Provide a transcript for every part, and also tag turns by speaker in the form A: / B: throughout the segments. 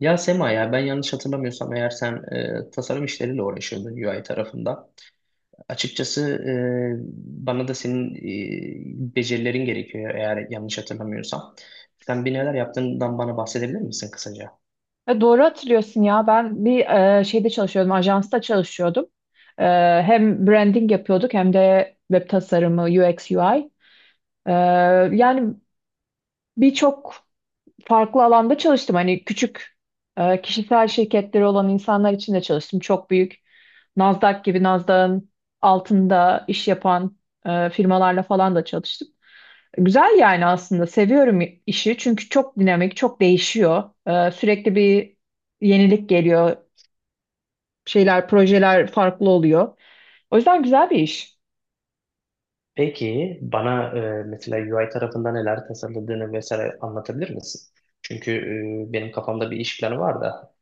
A: Ya Sema ya ben yanlış hatırlamıyorsam eğer sen tasarım işleriyle uğraşıyordun UI tarafında. Açıkçası e, bana da senin becerilerin gerekiyor eğer yanlış hatırlamıyorsam. Sen bir neler yaptığından bana bahsedebilir misin kısaca?
B: Ya doğru hatırlıyorsun ya. Ben bir şeyde çalışıyordum, ajansta çalışıyordum. E, hem branding yapıyorduk hem de web tasarımı, UX, UI. E, yani birçok farklı alanda çalıştım. Hani küçük kişisel şirketleri olan insanlar için de çalıştım. Çok büyük Nasdaq gibi Nasdaq'ın altında iş yapan firmalarla falan da çalıştım. Güzel yani aslında seviyorum işi çünkü çok dinamik, çok değişiyor. Sürekli bir yenilik geliyor şeyler, projeler farklı oluyor. O yüzden güzel bir iş.
A: Peki bana mesela UI tarafında neler tasarladığını vesaire anlatabilir misin? Çünkü benim kafamda bir iş planı var da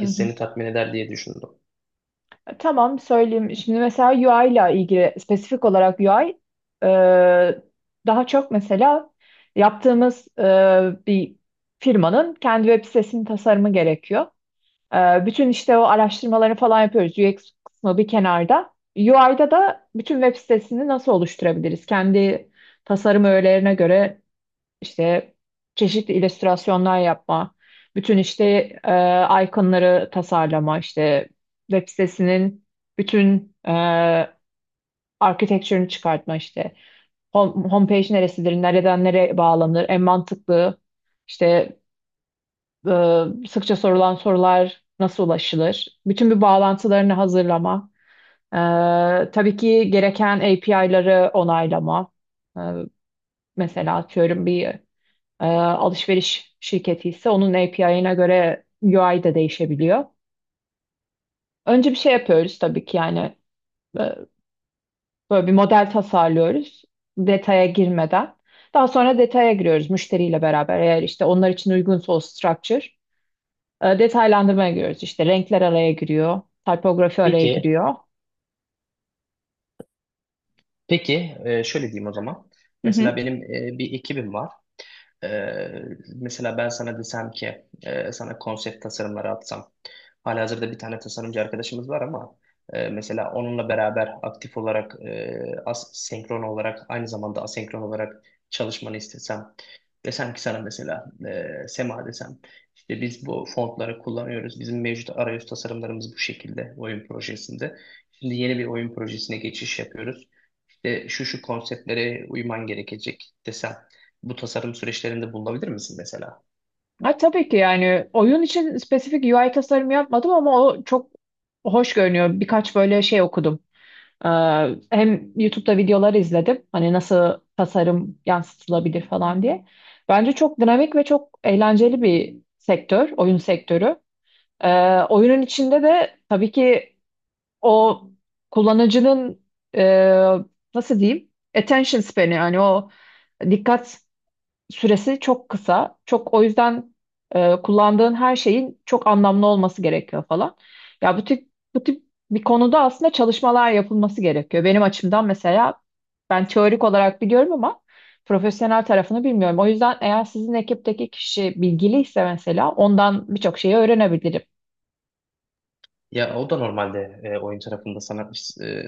B: Hı hı.
A: seni tatmin eder diye düşündüm.
B: Tamam söyleyeyim. Şimdi mesela UI ile ilgili spesifik olarak UI e, daha çok mesela yaptığımız bir firmanın kendi web sitesinin tasarımı gerekiyor. Bütün işte o araştırmalarını falan yapıyoruz. UX kısmı bir kenarda. UI'da da bütün web sitesini nasıl oluşturabiliriz? Kendi tasarım öğelerine göre işte çeşitli illüstrasyonlar yapma, bütün işte iconları tasarlama, işte web sitesinin bütün architecture'ını çıkartma işte. Home, homepage neresidir, nereden nereye bağlanır, en mantıklı işte e, sıkça sorulan sorular nasıl ulaşılır? Bütün bir bağlantılarını hazırlama. E, tabii ki gereken API'ları onaylama. E, mesela atıyorum bir alışveriş şirketi ise onun API'ine göre UI de değişebiliyor. Önce bir şey yapıyoruz tabii ki yani e, böyle bir model tasarlıyoruz detaya girmeden. Daha sonra detaya giriyoruz müşteriyle beraber. Eğer işte onlar için uygunsa o structure. Detaylandırmaya giriyoruz işte renkler araya giriyor, typografi araya
A: Peki,
B: giriyor.
A: peki şöyle diyeyim o zaman.
B: Hı
A: Mesela
B: hı.
A: benim bir ekibim var. Ee, Mesela ben sana desem ki sana konsept tasarımları atsam. Halihazırda bir tane tasarımcı arkadaşımız var ama mesela onunla beraber aktif olarak e, as senkron olarak aynı zamanda asenkron olarak çalışmanı istesem. Desem ki sana mesela Sema desem işte biz bu fontları kullanıyoruz. Bizim mevcut arayüz tasarımlarımız bu şekilde oyun projesinde. Şimdi yeni bir oyun projesine geçiş yapıyoruz. İşte şu şu konseptlere uyman gerekecek desem bu tasarım süreçlerinde bulunabilir misin mesela?
B: Ha, tabii ki yani oyun için spesifik UI tasarımı yapmadım ama o çok hoş görünüyor. Birkaç böyle şey okudum. E, hem YouTube'da videolar izledim. Hani nasıl tasarım yansıtılabilir falan diye. Bence çok dinamik ve çok eğlenceli bir sektör, oyun sektörü. E, oyunun içinde de tabii ki o kullanıcının e, nasıl diyeyim attention span'i yani o dikkat süresi çok kısa. Çok o yüzden kullandığın her şeyin çok anlamlı olması gerekiyor falan. Ya bu tip bir konuda aslında çalışmalar yapılması gerekiyor. Benim açımdan mesela ben teorik olarak biliyorum ama profesyonel tarafını bilmiyorum. O yüzden eğer sizin ekipteki kişi bilgiliyse mesela ondan birçok şeyi öğrenebilirim.
A: Ya o da normalde oyun tarafında sanat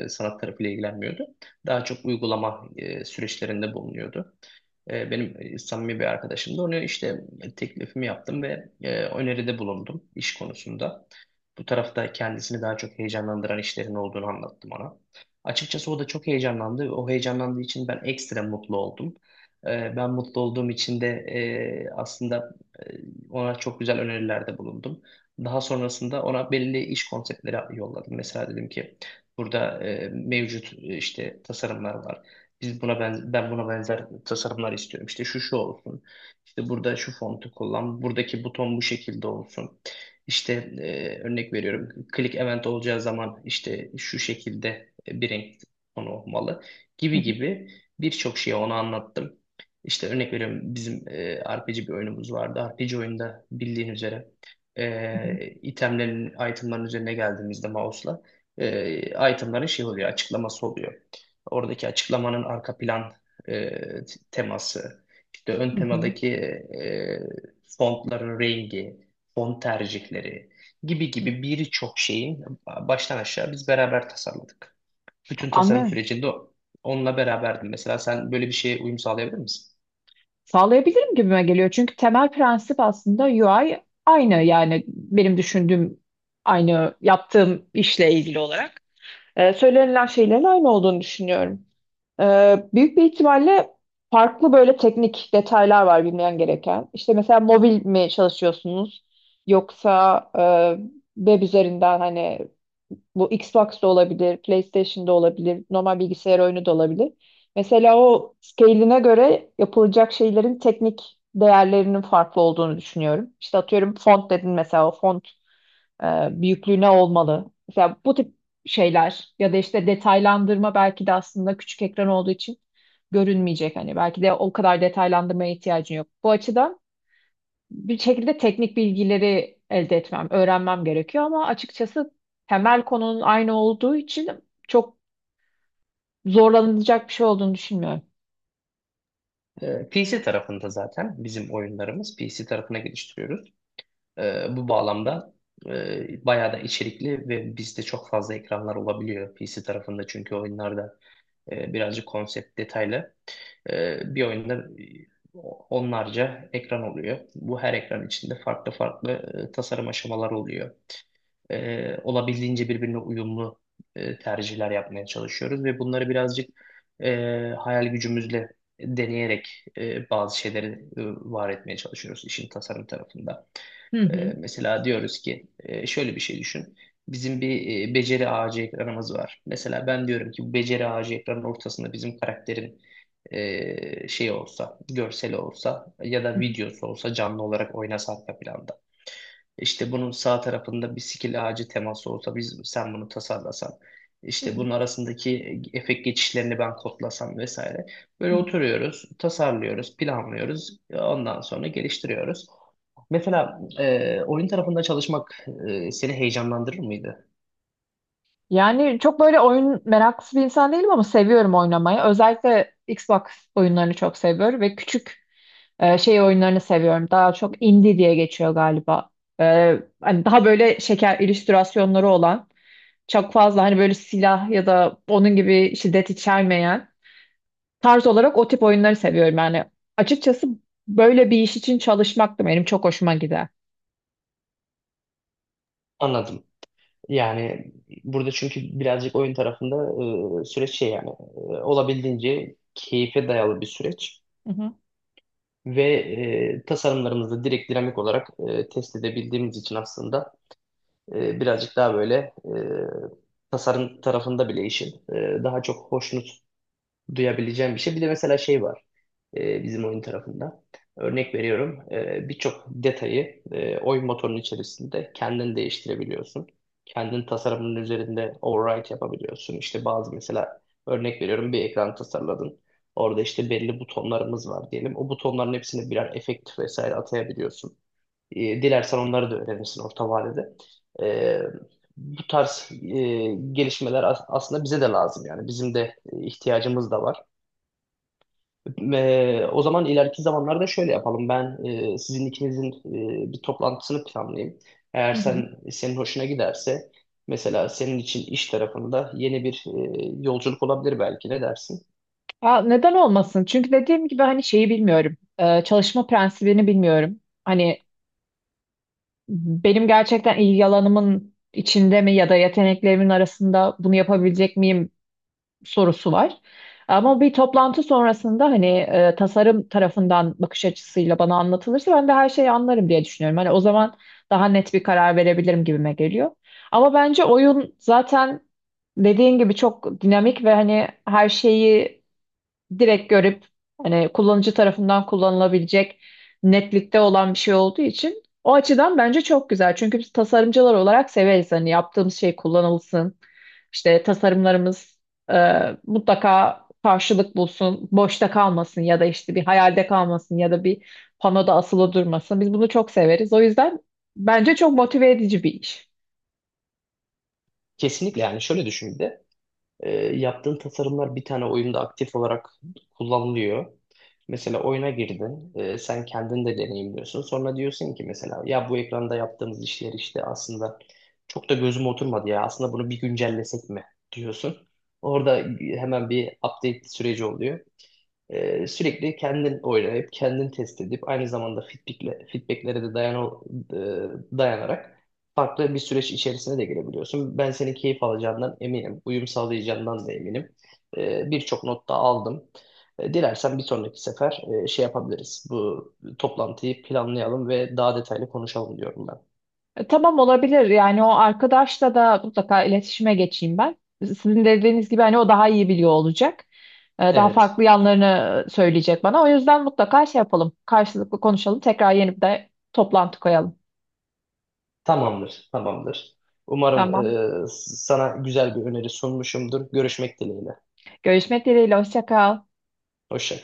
A: e, sanat tarafıyla ilgilenmiyordu. Daha çok uygulama süreçlerinde bulunuyordu. Benim samimi bir arkadaşım da onu işte teklifimi yaptım ve öneride bulundum iş konusunda. Bu tarafta kendisini daha çok heyecanlandıran işlerin olduğunu anlattım ona. Açıkçası o da çok heyecanlandı. O heyecanlandığı için ben ekstra mutlu oldum. E, Ben mutlu olduğum için de aslında e, ona çok güzel önerilerde bulundum. Daha sonrasında ona belli iş konseptleri yolladım. Mesela dedim ki burada mevcut işte tasarımlar var. Biz buna ben buna benzer tasarımlar istiyorum. İşte şu şu olsun. İşte burada şu fontu kullan. Buradaki buton bu şekilde olsun. İşte örnek veriyorum. Click event olacağı zaman işte şu şekilde bir renk tonu olmalı
B: Hı
A: gibi
B: hı,
A: gibi birçok şeyi ona anlattım. İşte örnek veriyorum bizim RPG bir oyunumuz vardı. RPG oyunda bildiğin üzere
B: hı
A: itemların üzerine geldiğimizde mouse'la itemların şey oluyor, açıklaması oluyor. Oradaki açıklamanın arka plan e, teması, işte ön
B: hı, hı
A: temadaki e, fontların rengi, font tercihleri gibi
B: hı.
A: gibi birçok şeyin baştan aşağı biz beraber tasarladık. Bütün tasarım
B: Anlıyorum.
A: sürecinde onunla beraberdim. Mesela sen böyle bir şeye uyum sağlayabilir misin?
B: Sağlayabilirim gibime geliyor. Çünkü temel prensip aslında UI aynı yani benim düşündüğüm aynı yaptığım işle ilgili olarak. Söylenilen şeylerin aynı olduğunu düşünüyorum. Büyük bir ihtimalle farklı böyle teknik detaylar var bilmeyen gereken. İşte mesela mobil mi çalışıyorsunuz yoksa web üzerinden hani bu Xbox da olabilir, PlayStation da olabilir, normal bilgisayar oyunu da olabilir. Mesela o scale'ine göre yapılacak şeylerin teknik değerlerinin farklı olduğunu düşünüyorum. İşte atıyorum font dedin mesela o font e, büyüklüğüne olmalı. Mesela bu tip şeyler ya da işte detaylandırma belki de aslında küçük ekran olduğu için görünmeyecek. Hani belki de o kadar detaylandırmaya ihtiyacın yok. Bu açıdan bir şekilde teknik bilgileri elde etmem, öğrenmem gerekiyor ama açıkçası temel konunun aynı olduğu için çok zorlanılacak bir şey olduğunu düşünmüyorum.
A: PC tarafında zaten bizim oyunlarımız PC tarafına geliştiriyoruz. Bu bağlamda bayağı da içerikli ve bizde çok fazla ekranlar olabiliyor PC tarafında çünkü oyunlarda birazcık konsept detaylı. Bir oyunda e, onlarca ekran oluyor. Bu her ekran içinde farklı farklı tasarım aşamaları oluyor. Olabildiğince birbirine uyumlu tercihler yapmaya çalışıyoruz ve bunları birazcık e, hayal gücümüzle deneyerek bazı şeyleri e, var etmeye çalışıyoruz işin tasarım tarafında.
B: Hı hı.
A: Mesela diyoruz ki şöyle bir şey düşün. Bizim bir beceri ağacı ekranımız var. Mesela ben diyorum ki bu beceri ağacı ekranın ortasında bizim karakterin şey olsa, görseli olsa ya
B: Hı
A: da
B: hı.
A: videosu olsa canlı olarak oynasa arka planda. İşte bunun sağ tarafında bir skill ağacı teması olsa biz sen bunu tasarlasan.
B: Hı
A: İşte
B: hı.
A: bunun arasındaki efekt geçişlerini ben kodlasam vesaire.
B: Hı
A: Böyle
B: hı.
A: oturuyoruz, tasarlıyoruz, planlıyoruz. Ondan sonra geliştiriyoruz. Mesela oyun tarafında çalışmak seni heyecanlandırır mıydı?
B: Yani çok böyle oyun meraklısı bir insan değilim ama seviyorum oynamayı. Özellikle Xbox oyunlarını çok seviyorum ve küçük şey oyunlarını seviyorum. Daha çok indie diye geçiyor galiba. Hani daha böyle şeker illüstrasyonları olan, çok fazla hani böyle silah ya da onun gibi şiddet içermeyen tarz olarak o tip oyunları seviyorum. Yani açıkçası böyle bir iş için çalışmak da benim çok hoşuma gider.
A: Anladım. Yani burada çünkü birazcık oyun tarafında süreç şey yani olabildiğince keyfe dayalı bir süreç
B: Hı hı.
A: ve tasarımlarımızı direkt dinamik olarak test edebildiğimiz için aslında birazcık daha böyle tasarım tarafında bile işin daha çok hoşnut duyabileceğim bir şey. Bir de mesela şey var bizim oyun tarafında. Örnek veriyorum birçok detayı oyun motorunun içerisinde kendin değiştirebiliyorsun. Kendin tasarımının üzerinde override yapabiliyorsun. İşte bazı mesela örnek veriyorum bir ekran tasarladın. Orada işte belli butonlarımız var diyelim. O butonların hepsini birer efekt vesaire atayabiliyorsun. Dilersen onları da öğrenirsin orta vadede. E, Bu tarz gelişmeler aslında bize de lazım yani. Bizim de ihtiyacımız da var. Ve o zaman ileriki zamanlarda şöyle yapalım. Ben sizin ikinizin bir toplantısını planlayayım. Eğer
B: Hı hı.
A: sen senin hoşuna giderse mesela senin için iş tarafında yeni bir yolculuk olabilir belki, ne dersin?
B: Aa, neden olmasın? Çünkü dediğim gibi hani şeyi bilmiyorum. Çalışma prensibini bilmiyorum. Hani benim gerçekten ilgi alanımın içinde mi ya da yeteneklerimin arasında bunu yapabilecek miyim sorusu var. Ama bir toplantı sonrasında hani tasarım tarafından bakış açısıyla bana anlatılırsa ben de her şeyi anlarım diye düşünüyorum. Hani o zaman daha net bir karar verebilirim gibime geliyor. Ama bence oyun zaten dediğin gibi çok dinamik ve hani her şeyi direkt görüp hani kullanıcı tarafından kullanılabilecek netlikte olan bir şey olduğu için o açıdan bence çok güzel. Çünkü biz tasarımcılar olarak severiz hani yaptığımız şey kullanılsın. İşte tasarımlarımız e, mutlaka karşılık bulsun, boşta kalmasın ya da işte bir hayalde kalmasın ya da bir panoda asılı durmasın. Biz bunu çok severiz. O yüzden bence çok motive edici bir iş.
A: Kesinlikle yani şöyle düşün bir de. Yaptığın tasarımlar bir tane oyunda aktif olarak kullanılıyor. Mesela oyuna girdin, sen kendin de deneyimliyorsun. Sonra diyorsun ki mesela ya bu ekranda yaptığımız işler işte aslında çok da gözüme oturmadı ya. Aslında bunu bir güncellesek mi diyorsun. Orada hemen bir update süreci oluyor. Sürekli kendin oynayıp, kendin test edip, aynı zamanda feedback'lere de dayanarak farklı bir süreç içerisine de girebiliyorsun. Ben senin keyif alacağından eminim. Uyum sağlayacağından da eminim. Birçok not da aldım. Dilersen bir sonraki sefer şey yapabiliriz. Bu toplantıyı planlayalım ve daha detaylı konuşalım diyorum ben.
B: Tamam olabilir. Yani o arkadaşla da mutlaka iletişime geçeyim ben. Sizin dediğiniz gibi hani o daha iyi biliyor olacak. Daha
A: Evet,
B: farklı yanlarını söyleyecek bana. O yüzden mutlaka şey yapalım. Karşılıklı konuşalım. Tekrar yeni bir de toplantı koyalım.
A: tamamdır. Umarım
B: Tamam.
A: sana güzel bir öneri sunmuşumdur. Görüşmek dileğiyle.
B: Görüşmek dileğiyle. Hoşça kal.
A: Hoşça